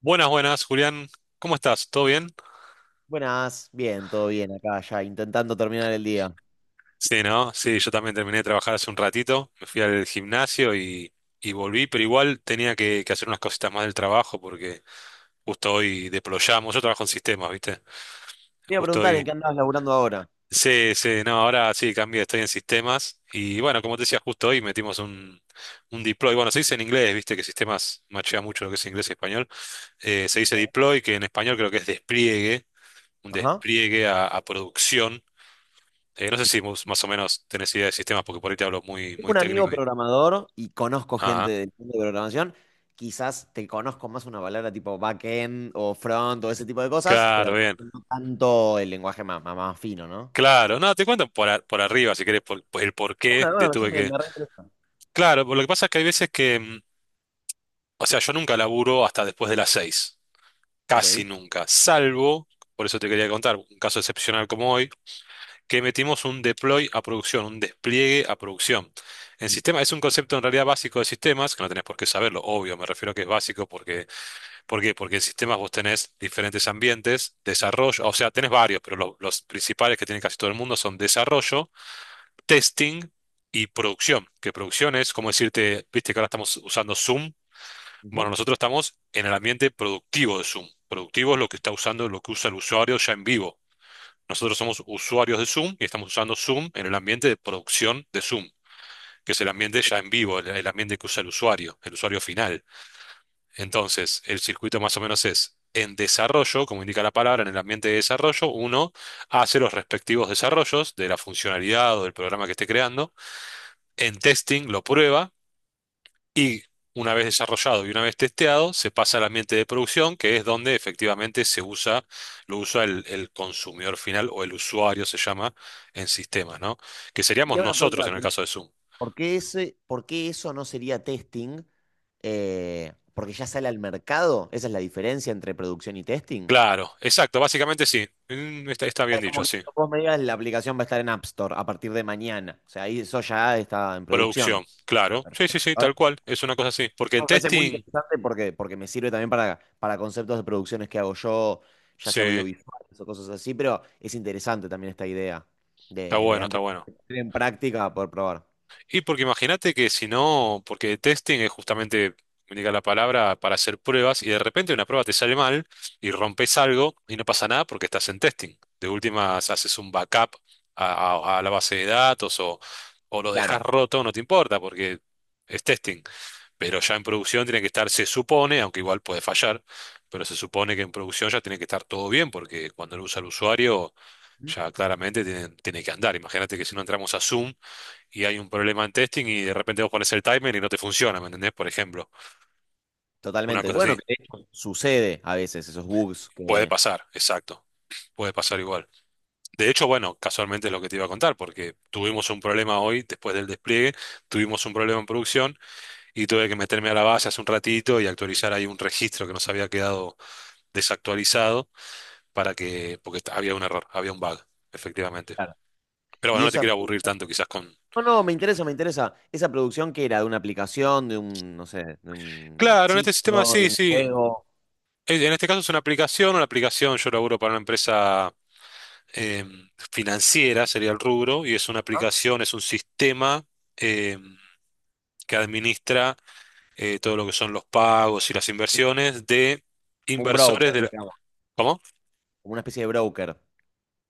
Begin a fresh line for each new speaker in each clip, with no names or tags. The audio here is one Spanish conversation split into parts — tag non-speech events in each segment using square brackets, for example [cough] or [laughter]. Buenas, buenas, Julián. ¿Cómo estás? ¿Todo bien?
Buenas, bien, todo bien acá ya, intentando terminar el día.
Sí, ¿no? Sí, yo también terminé de trabajar hace un ratito. Me fui al gimnasio y volví, pero igual tenía que hacer unas cositas más del trabajo porque justo hoy deployamos. Yo trabajo en sistemas, ¿viste?
Te iba a
Justo
preguntar en
hoy.
qué andabas laburando ahora.
Sí, sí, no, ahora sí cambié, estoy en sistemas. Y bueno, como te decía, justo hoy metimos un deploy. Bueno, se dice en inglés, ¿viste? Que sistemas machea mucho lo que es inglés y español. Se dice
Sí.
deploy, que en español creo que es despliegue, un
Ajá.
despliegue a producción. No sé si más o menos tenés idea de sistemas, porque por ahí te hablo muy,
Tengo
muy
un amigo
técnico. Y...
programador y conozco gente
Ajá.
del mundo de programación. Quizás te conozco más una palabra tipo backend o front o ese tipo de cosas, pero
Claro,
capaz
bien.
que no tanto el lenguaje más fino, ¿no?
Claro, no, te cuento por arriba, si querés, por el por qué
Una,
de
una,
tuve
me,
que...
me reinteresa.
Claro, por lo que pasa es que hay veces que, o sea, yo nunca laburo hasta después de las 6, casi
Ok.
nunca, salvo, por eso te quería contar, un caso excepcional como hoy, que metimos un deploy a producción, un despliegue a producción. En
Mm,
sistema, es un concepto en realidad básico de sistemas, que no tenés por qué saberlo, obvio, me refiero a que es básico porque ¿por qué? Porque en sistemas vos tenés diferentes ambientes, desarrollo, o sea, tenés varios, pero los principales que tiene casi todo el mundo son desarrollo, testing y producción. Que producción es como decirte, viste que ahora estamos usando Zoom. Bueno,
ujú.
nosotros estamos en el ambiente productivo de Zoom. Productivo es lo que está usando, lo que usa el usuario ya en vivo. Nosotros somos usuarios de Zoom y estamos usando Zoom en el ambiente de producción de Zoom, que es el ambiente ya en vivo, el ambiente que usa el usuario final. Entonces, el circuito más o menos es en desarrollo, como indica la palabra, en el ambiente de desarrollo, uno hace los respectivos desarrollos de la funcionalidad o del programa que esté creando. En testing lo prueba y una vez desarrollado y una vez testeado, se pasa al ambiente de producción, que es donde efectivamente se usa, lo usa el consumidor final o el usuario se llama en sistemas, ¿no? Que
Y
seríamos
te hago una
nosotros
pregunta,
en el
que no-
caso de Zoom.
por qué eso no sería testing? Porque ya sale al mercado. ¿Esa es la diferencia entre producción y testing?
Claro, exacto, básicamente sí. Está bien
Sea, como
dicho,
que
sí.
cuando vos me digas, la aplicación va a estar en App Store a partir de mañana. O sea, ahí eso ya está en producción.
Producción, claro. Sí, sí,
Perfecto.
sí,
Ahora,
tal cual. Es una cosa así. Porque en
me parece muy
testing,
interesante porque me sirve también para conceptos de producciones que hago yo, ya
sí,
sea audiovisuales o cosas así, pero es interesante también esta idea
está
de
bueno, está
antes
bueno.
de poner en práctica poder probar.
Y porque imagínate que si no, porque testing es justamente, me diga la palabra, para hacer pruebas y de repente una prueba te sale mal y rompes algo y no pasa nada porque estás en testing. De últimas haces un backup a la base de datos o lo dejas
Claro.
roto, no te importa porque es testing. Pero ya en producción tiene que estar, se supone, aunque igual puede fallar, pero se supone que en producción ya tiene que estar todo bien, porque cuando lo usa el usuario,
¿Mm?
ya claramente tiene, que andar. Imagínate que si no entramos a Zoom y hay un problema en testing y de repente vos pones el timer y no te funciona, ¿me entendés? Por ejemplo, una
Totalmente.
cosa así.
Bueno, que de hecho sucede a veces esos bugs
Puede
que...
pasar, exacto. Puede pasar igual. De hecho, bueno, casualmente es lo que te iba a contar, porque tuvimos un problema hoy, después del despliegue, tuvimos un problema en producción y tuve que meterme a la base hace un ratito y actualizar ahí un registro que nos había quedado desactualizado para que, porque había un error, había un bug, efectivamente.
Claro.
Pero
Y
bueno, no te
eso
quiero aburrir tanto quizás con...
No, no, me interesa, me interesa. ¿Esa producción que era? ¿De una aplicación? ¿De un, no sé, de un
Claro, en este sistema
sitio? ¿De
sí,
un
sí.
juego?
En este caso es una aplicación, yo laburo para una empresa eh, financiera, sería el rubro, y es una
¿Ah?
aplicación, es un sistema eh, que administra todo lo que son los pagos y las inversiones de
Como un
inversores
broker,
de la...
digamos.
¿Cómo?
Como una especie de broker.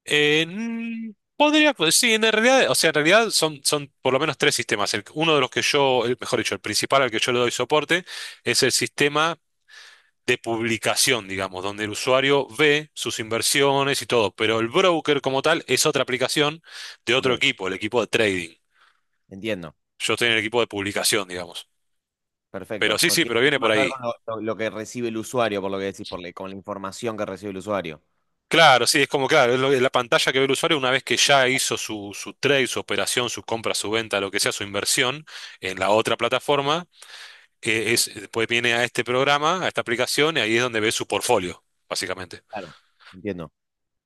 Eh, mm, Podría, pues sí, en realidad, o sea, en realidad son, por lo menos tres sistemas. Uno de los que yo, mejor dicho, el principal al que yo le doy soporte es el sistema de publicación, digamos, donde el usuario ve sus inversiones y todo, pero el broker como tal es otra aplicación de
Ok,
otro equipo, el equipo de trading.
entiendo.
Yo estoy en el equipo de publicación, digamos. Pero
Perfecto.
sí, sí,
Tiene
pero viene por
más que ver
ahí.
con lo que recibe el usuario, por lo que decís, con la información que recibe el usuario.
Claro, sí, es como, claro, es es la pantalla que ve el usuario una vez que ya hizo su, trade, su operación, su compra, su venta, lo que sea, su inversión en la otra plataforma, después viene a este programa, a esta aplicación, y ahí es donde ve su portfolio, básicamente.
Claro, entiendo.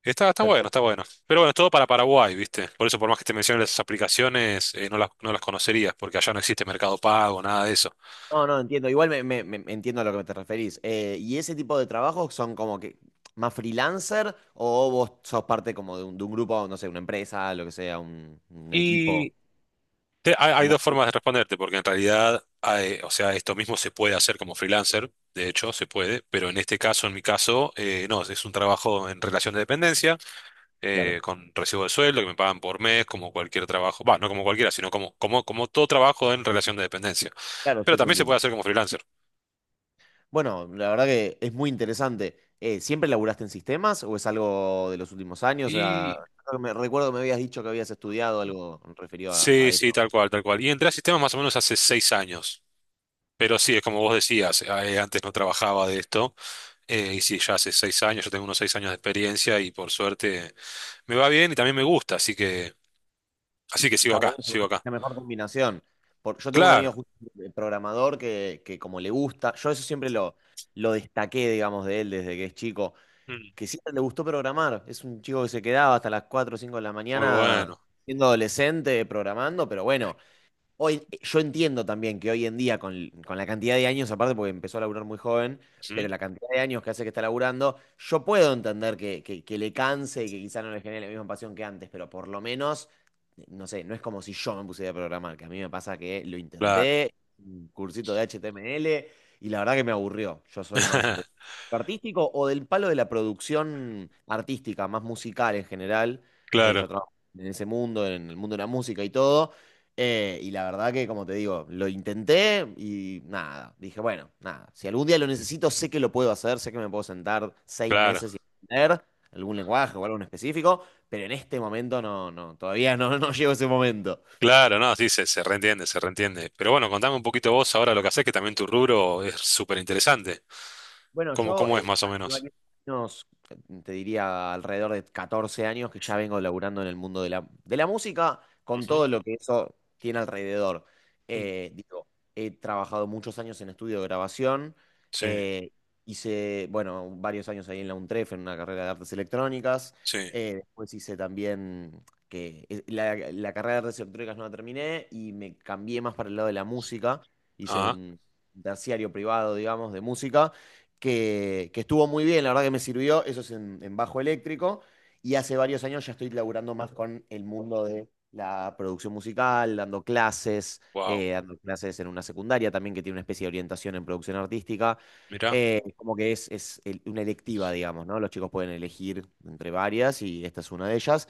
Está bueno, está
Perfecto.
bueno. Pero bueno, es todo para Paraguay, ¿viste? Por eso, por más que te mencionen esas aplicaciones, no las, conocerías, porque allá no existe Mercado Pago, nada de eso.
No, no, entiendo. Igual entiendo a lo que te referís. ¿Y ese tipo de trabajos son como que más freelancer o vos sos parte como de un grupo, no sé, una empresa, lo que sea, un equipo?
Hay
Como,
dos formas de responderte, porque en realidad, o sea, esto mismo se puede hacer como freelancer, de hecho, se puede, pero en este caso, en mi caso, no, es un trabajo en relación de dependencia,
claro,
con recibo de sueldo que me pagan por mes, como cualquier trabajo, va, no como cualquiera, sino como todo trabajo en relación de dependencia.
claro,
Pero
sí, sí,
también se
entiendo.
puede hacer como freelancer.
Bueno, la verdad que es muy interesante. ¿Siempre laburaste en sistemas o es algo de los últimos años? O sea,
Y
creo que recuerdo que me habías dicho que habías estudiado algo referido a
sí, sí,
eso.
tal cual, tal cual. Y entré a sistemas más o menos hace 6 años. Pero sí, es como vos decías, antes no trabajaba de esto, y sí, ya hace 6 años, yo tengo unos 6 años de experiencia y por suerte. Me va bien y también me gusta, así que sigo
Está
acá,
buenísimo,
sigo
es
acá.
la mejor combinación. Yo tengo un
Claro,
amigo justo, programador que como le gusta, yo eso siempre lo destaqué, digamos, de él desde que es chico,
mm,
que siempre le gustó programar. Es un chico que se quedaba hasta las cuatro o cinco de la
muy
mañana
bueno.
siendo adolescente programando, pero bueno. Hoy, yo entiendo también que hoy en día, con la cantidad de años, aparte porque empezó a laburar muy joven, pero
Ujú,
la cantidad de años que hace que está laburando, yo puedo entender que le canse y que quizá no le genere la misma pasión que antes, pero por lo menos, no sé, no es como si yo me pusiera a programar, que a mí me pasa que lo
claro,
intenté, un cursito de HTML, y la verdad que me aburrió. Yo soy más de
[laughs]
lo artístico o del palo de la producción artística, más musical en general. Yo
claro,
trabajo en ese mundo, en el mundo de la música y todo. Y la verdad que, como te digo, lo intenté y nada, dije, bueno, nada, si algún día lo necesito, sé que lo puedo hacer, sé que me puedo sentar seis
claro,
meses y aprender algún lenguaje o algo en específico, pero en este momento no, no, todavía no, [laughs] no llego a ese momento.
claro, no, sí, se reentiende, se reentiende. Pero bueno, contame un poquito vos ahora lo que haces, que también tu rubro es súper interesante.
Bueno,
¿Cómo,
yo
cómo es más o
hace
menos?
varios años, te diría alrededor de 14 años que ya vengo laburando en el mundo de la música, con
Ujú,
todo lo que eso tiene alrededor.
mm,
Digo, he trabajado muchos años en estudio de grabación,
sí,
eh, hice, bueno, varios años ahí en la UNTREF, en una carrera de artes electrónicas,
sí.
después hice también, que la carrera de artes electrónicas no la terminé y me cambié más para el lado de la música, hice
Ah,
un terciario privado, digamos, de música que estuvo muy bien, la verdad que me sirvió, eso es en bajo eléctrico, y hace varios años ya estoy laburando más con el mundo de la producción musical,
wow,
dando clases en una secundaria también que tiene una especie de orientación en producción artística,
mirá,
como que una electiva, digamos, ¿no? Los chicos pueden elegir entre varias y esta es una de ellas,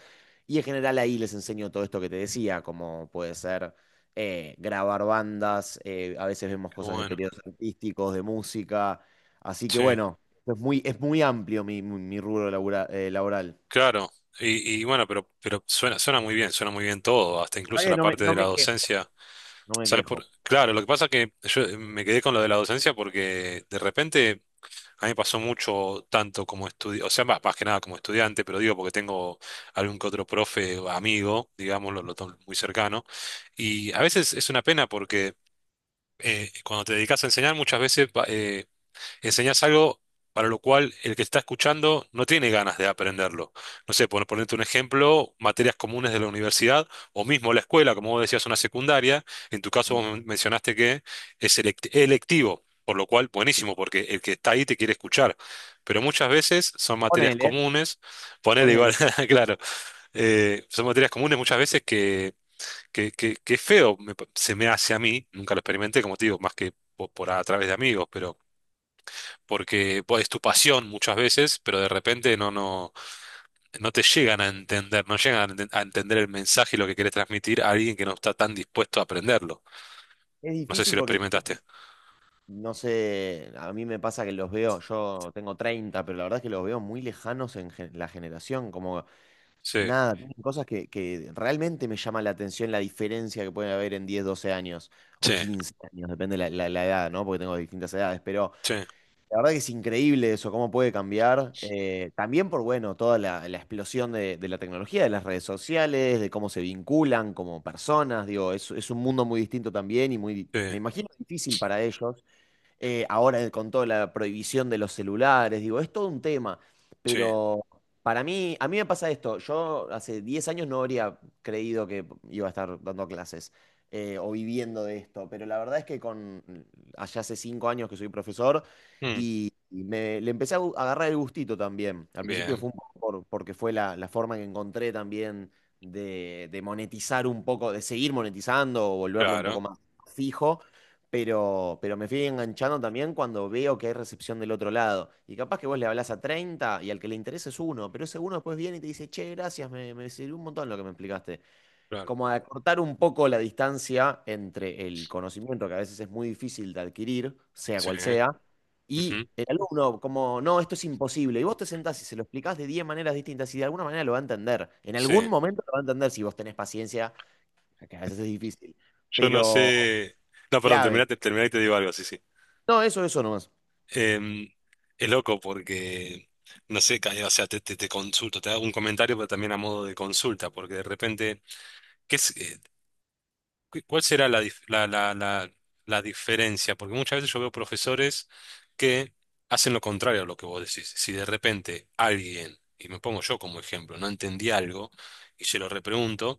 y en general ahí les enseño todo esto que te decía, como puede ser grabar bandas, a veces vemos
qué
cosas de
bueno.
periodos artísticos, de música. Así que
Sí,
bueno, es muy amplio mi rubro laboral.
claro. Y bueno, pero suena muy bien, suena muy bien todo, hasta
La
incluso
verdad que
la
no me,
parte
no
de la
me quejo,
docencia.
no me
¿Sabes
quejo.
por? Claro, lo que pasa es que yo me quedé con lo de la docencia porque de repente a mí me pasó mucho tanto como estudiante, o sea, más que nada como estudiante, pero digo porque tengo algún que otro profe o amigo, digámoslo, lo tomo muy cercano, y a veces es una pena porque cuando te dedicas a enseñar muchas veces enseñás algo para lo cual el que está escuchando no tiene ganas de aprenderlo. No sé, por ponerte un ejemplo, materias comunes de la universidad o mismo la escuela, como vos decías, una secundaria. En tu caso, vos mencionaste que es electivo, por lo cual, buenísimo, porque el que está ahí te quiere escuchar. Pero muchas veces son materias
Ponele,
comunes, ponele igual,
ponele.
[laughs] claro, son materias comunes muchas veces que es feo, se me hace a mí, nunca lo experimenté, como te digo, más que a través de amigos, pero porque pues, es tu pasión muchas veces, pero de repente no, te llegan a entender, no llegan a entender el mensaje y lo que querés transmitir a alguien que no está tan dispuesto a aprenderlo.
Es
No sé si
difícil
lo
porque
experimentaste.
también, no sé, a mí me pasa que los veo, yo tengo 30 pero la verdad es que los veo muy lejanos en la generación, como
Sí,
nada, tienen cosas que realmente me llama la atención la diferencia que puede haber en 10 12 años
sí,
o 15 años, depende la edad, ¿no? Porque tengo distintas edades, pero
sí,
la verdad que es increíble eso, cómo puede cambiar. También por, bueno, toda la explosión de la tecnología, de las redes sociales, de cómo se vinculan como personas. Digo, es un mundo muy distinto también y muy,
sí,
me imagino, difícil para ellos ahora con toda la prohibición de los celulares, digo, es todo un tema,
sí.
pero para mí, a mí me pasa esto, yo hace 10 años no habría creído que iba a estar dando clases o viviendo de esto, pero la verdad es que con, allá hace 5 años que soy profesor
Mm,
y le empecé a agarrar el gustito también, al principio
bien,
fue un poco porque fue la forma que encontré también de monetizar un poco, de seguir monetizando o volverlo un poco
claro,
más fijo pero me fui enganchando también cuando veo que hay recepción del otro lado. Y capaz que vos le hablás a 30 y al que le interesa es uno, pero ese uno después viene y te dice, che, gracias, me sirvió un montón lo que me explicaste.
claro.
Como a cortar un poco la distancia entre el conocimiento, que a veces es muy difícil de adquirir, sea
Sí,
cual sea, y
ujú,
el alumno, como, no, esto es imposible. Y vos te sentás y se lo explicás de 10 maneras distintas y de alguna manera lo va a entender. En
sí.
algún momento lo va a entender si vos tenés paciencia, que a veces es difícil,
Yo no
pero
sé. No, perdón,
clave.
terminate, terminate y te digo algo, sí, sí.
No, eso nomás.
Em, es loco porque, no sé, o sea, te consulto, te hago un comentario, pero también a modo de consulta, porque de repente, ¿qué es? ¿Cuál será la, dif- la diferencia? Porque muchas veces yo veo profesores que hacen lo contrario a lo que vos decís. Si de repente alguien, y me pongo yo como ejemplo, no entendí algo y se lo repregunto,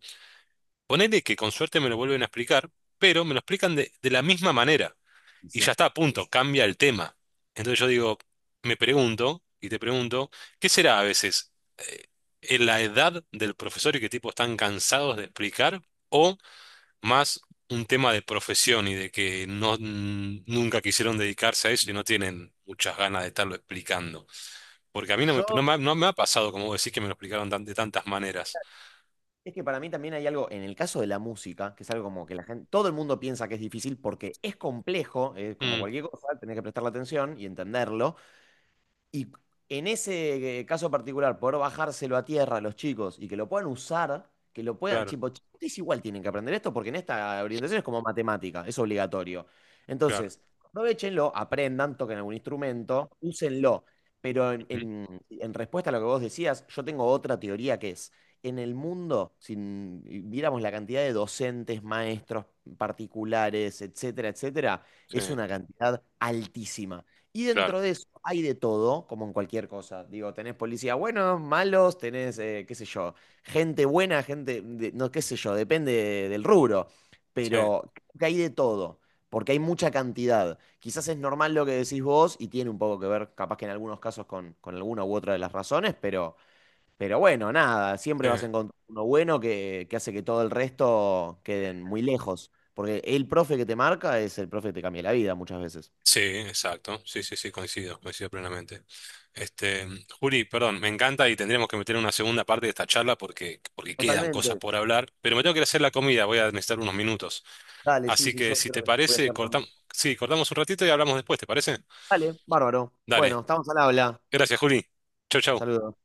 ponele que con suerte me lo vuelven a explicar, pero me lo explican de la misma manera
Y
y
sí.
ya está a punto, cambia el tema. Entonces yo digo, me pregunto y te pregunto, ¿qué será a veces eh, en la edad del profesor y qué tipo están cansados de explicar o más un tema de profesión y de que no nunca quisieron dedicarse a eso y no tienen muchas ganas de estarlo explicando? Porque a mí
Yo,
no me ha pasado, como vos decís, que me lo explicaron de tantas maneras.
es que para mí también hay algo, en el caso de la música, que es algo como que la gente, todo el mundo piensa que es difícil porque es complejo, es como
Mm,
cualquier cosa, tenés que prestarle atención y entenderlo, y en ese caso particular, poder bajárselo a tierra a los chicos y que lo puedan usar, que lo puedan,
claro,
tipo, "Ustedes igual tienen que aprender esto porque en esta orientación es como matemática, es obligatorio.
claro.
Entonces, aprovechenlo, aprendan, toquen algún instrumento, úsenlo. Pero en,
Ujú,
en- en respuesta a lo que vos decías, yo tengo otra teoría que es, en el mundo, si viéramos la cantidad de docentes, maestros particulares, etcétera, etcétera,
sí,
es una cantidad altísima. Y
claro.
dentro de eso hay de todo, como en cualquier cosa. Digo, tenés policías buenos, malos, tenés, qué sé yo, gente buena, gente, no, qué sé yo, depende del rubro.
Sí,
Pero creo que hay de todo, porque hay mucha cantidad. Quizás es normal lo que decís vos y tiene un poco que ver, capaz que en algunos casos, con alguna u otra de las razones, pero bueno, nada, siempre
sí.
vas a encontrar uno bueno que hace que todo el resto queden muy lejos. Porque el profe que te marca es el profe que te cambia la vida muchas veces.
Sí, exacto. Sí, sí, sí, coincido, coincido plenamente. Este, Juli, perdón, me encanta y tendríamos que meter una segunda parte de esta charla porque quedan cosas
Totalmente.
por hablar, pero me tengo que ir a hacer la comida, voy a necesitar unos minutos.
Dale, sí,
Así
sí,
que
yo
si
creo
te
que voy a
parece,
estar conmigo.
cortamos, sí, cortamos un ratito y hablamos después, ¿te parece?
Dale, bárbaro.
Dale.
Bueno, estamos al habla.
Gracias, Juli. Chau, chau.
Saludos.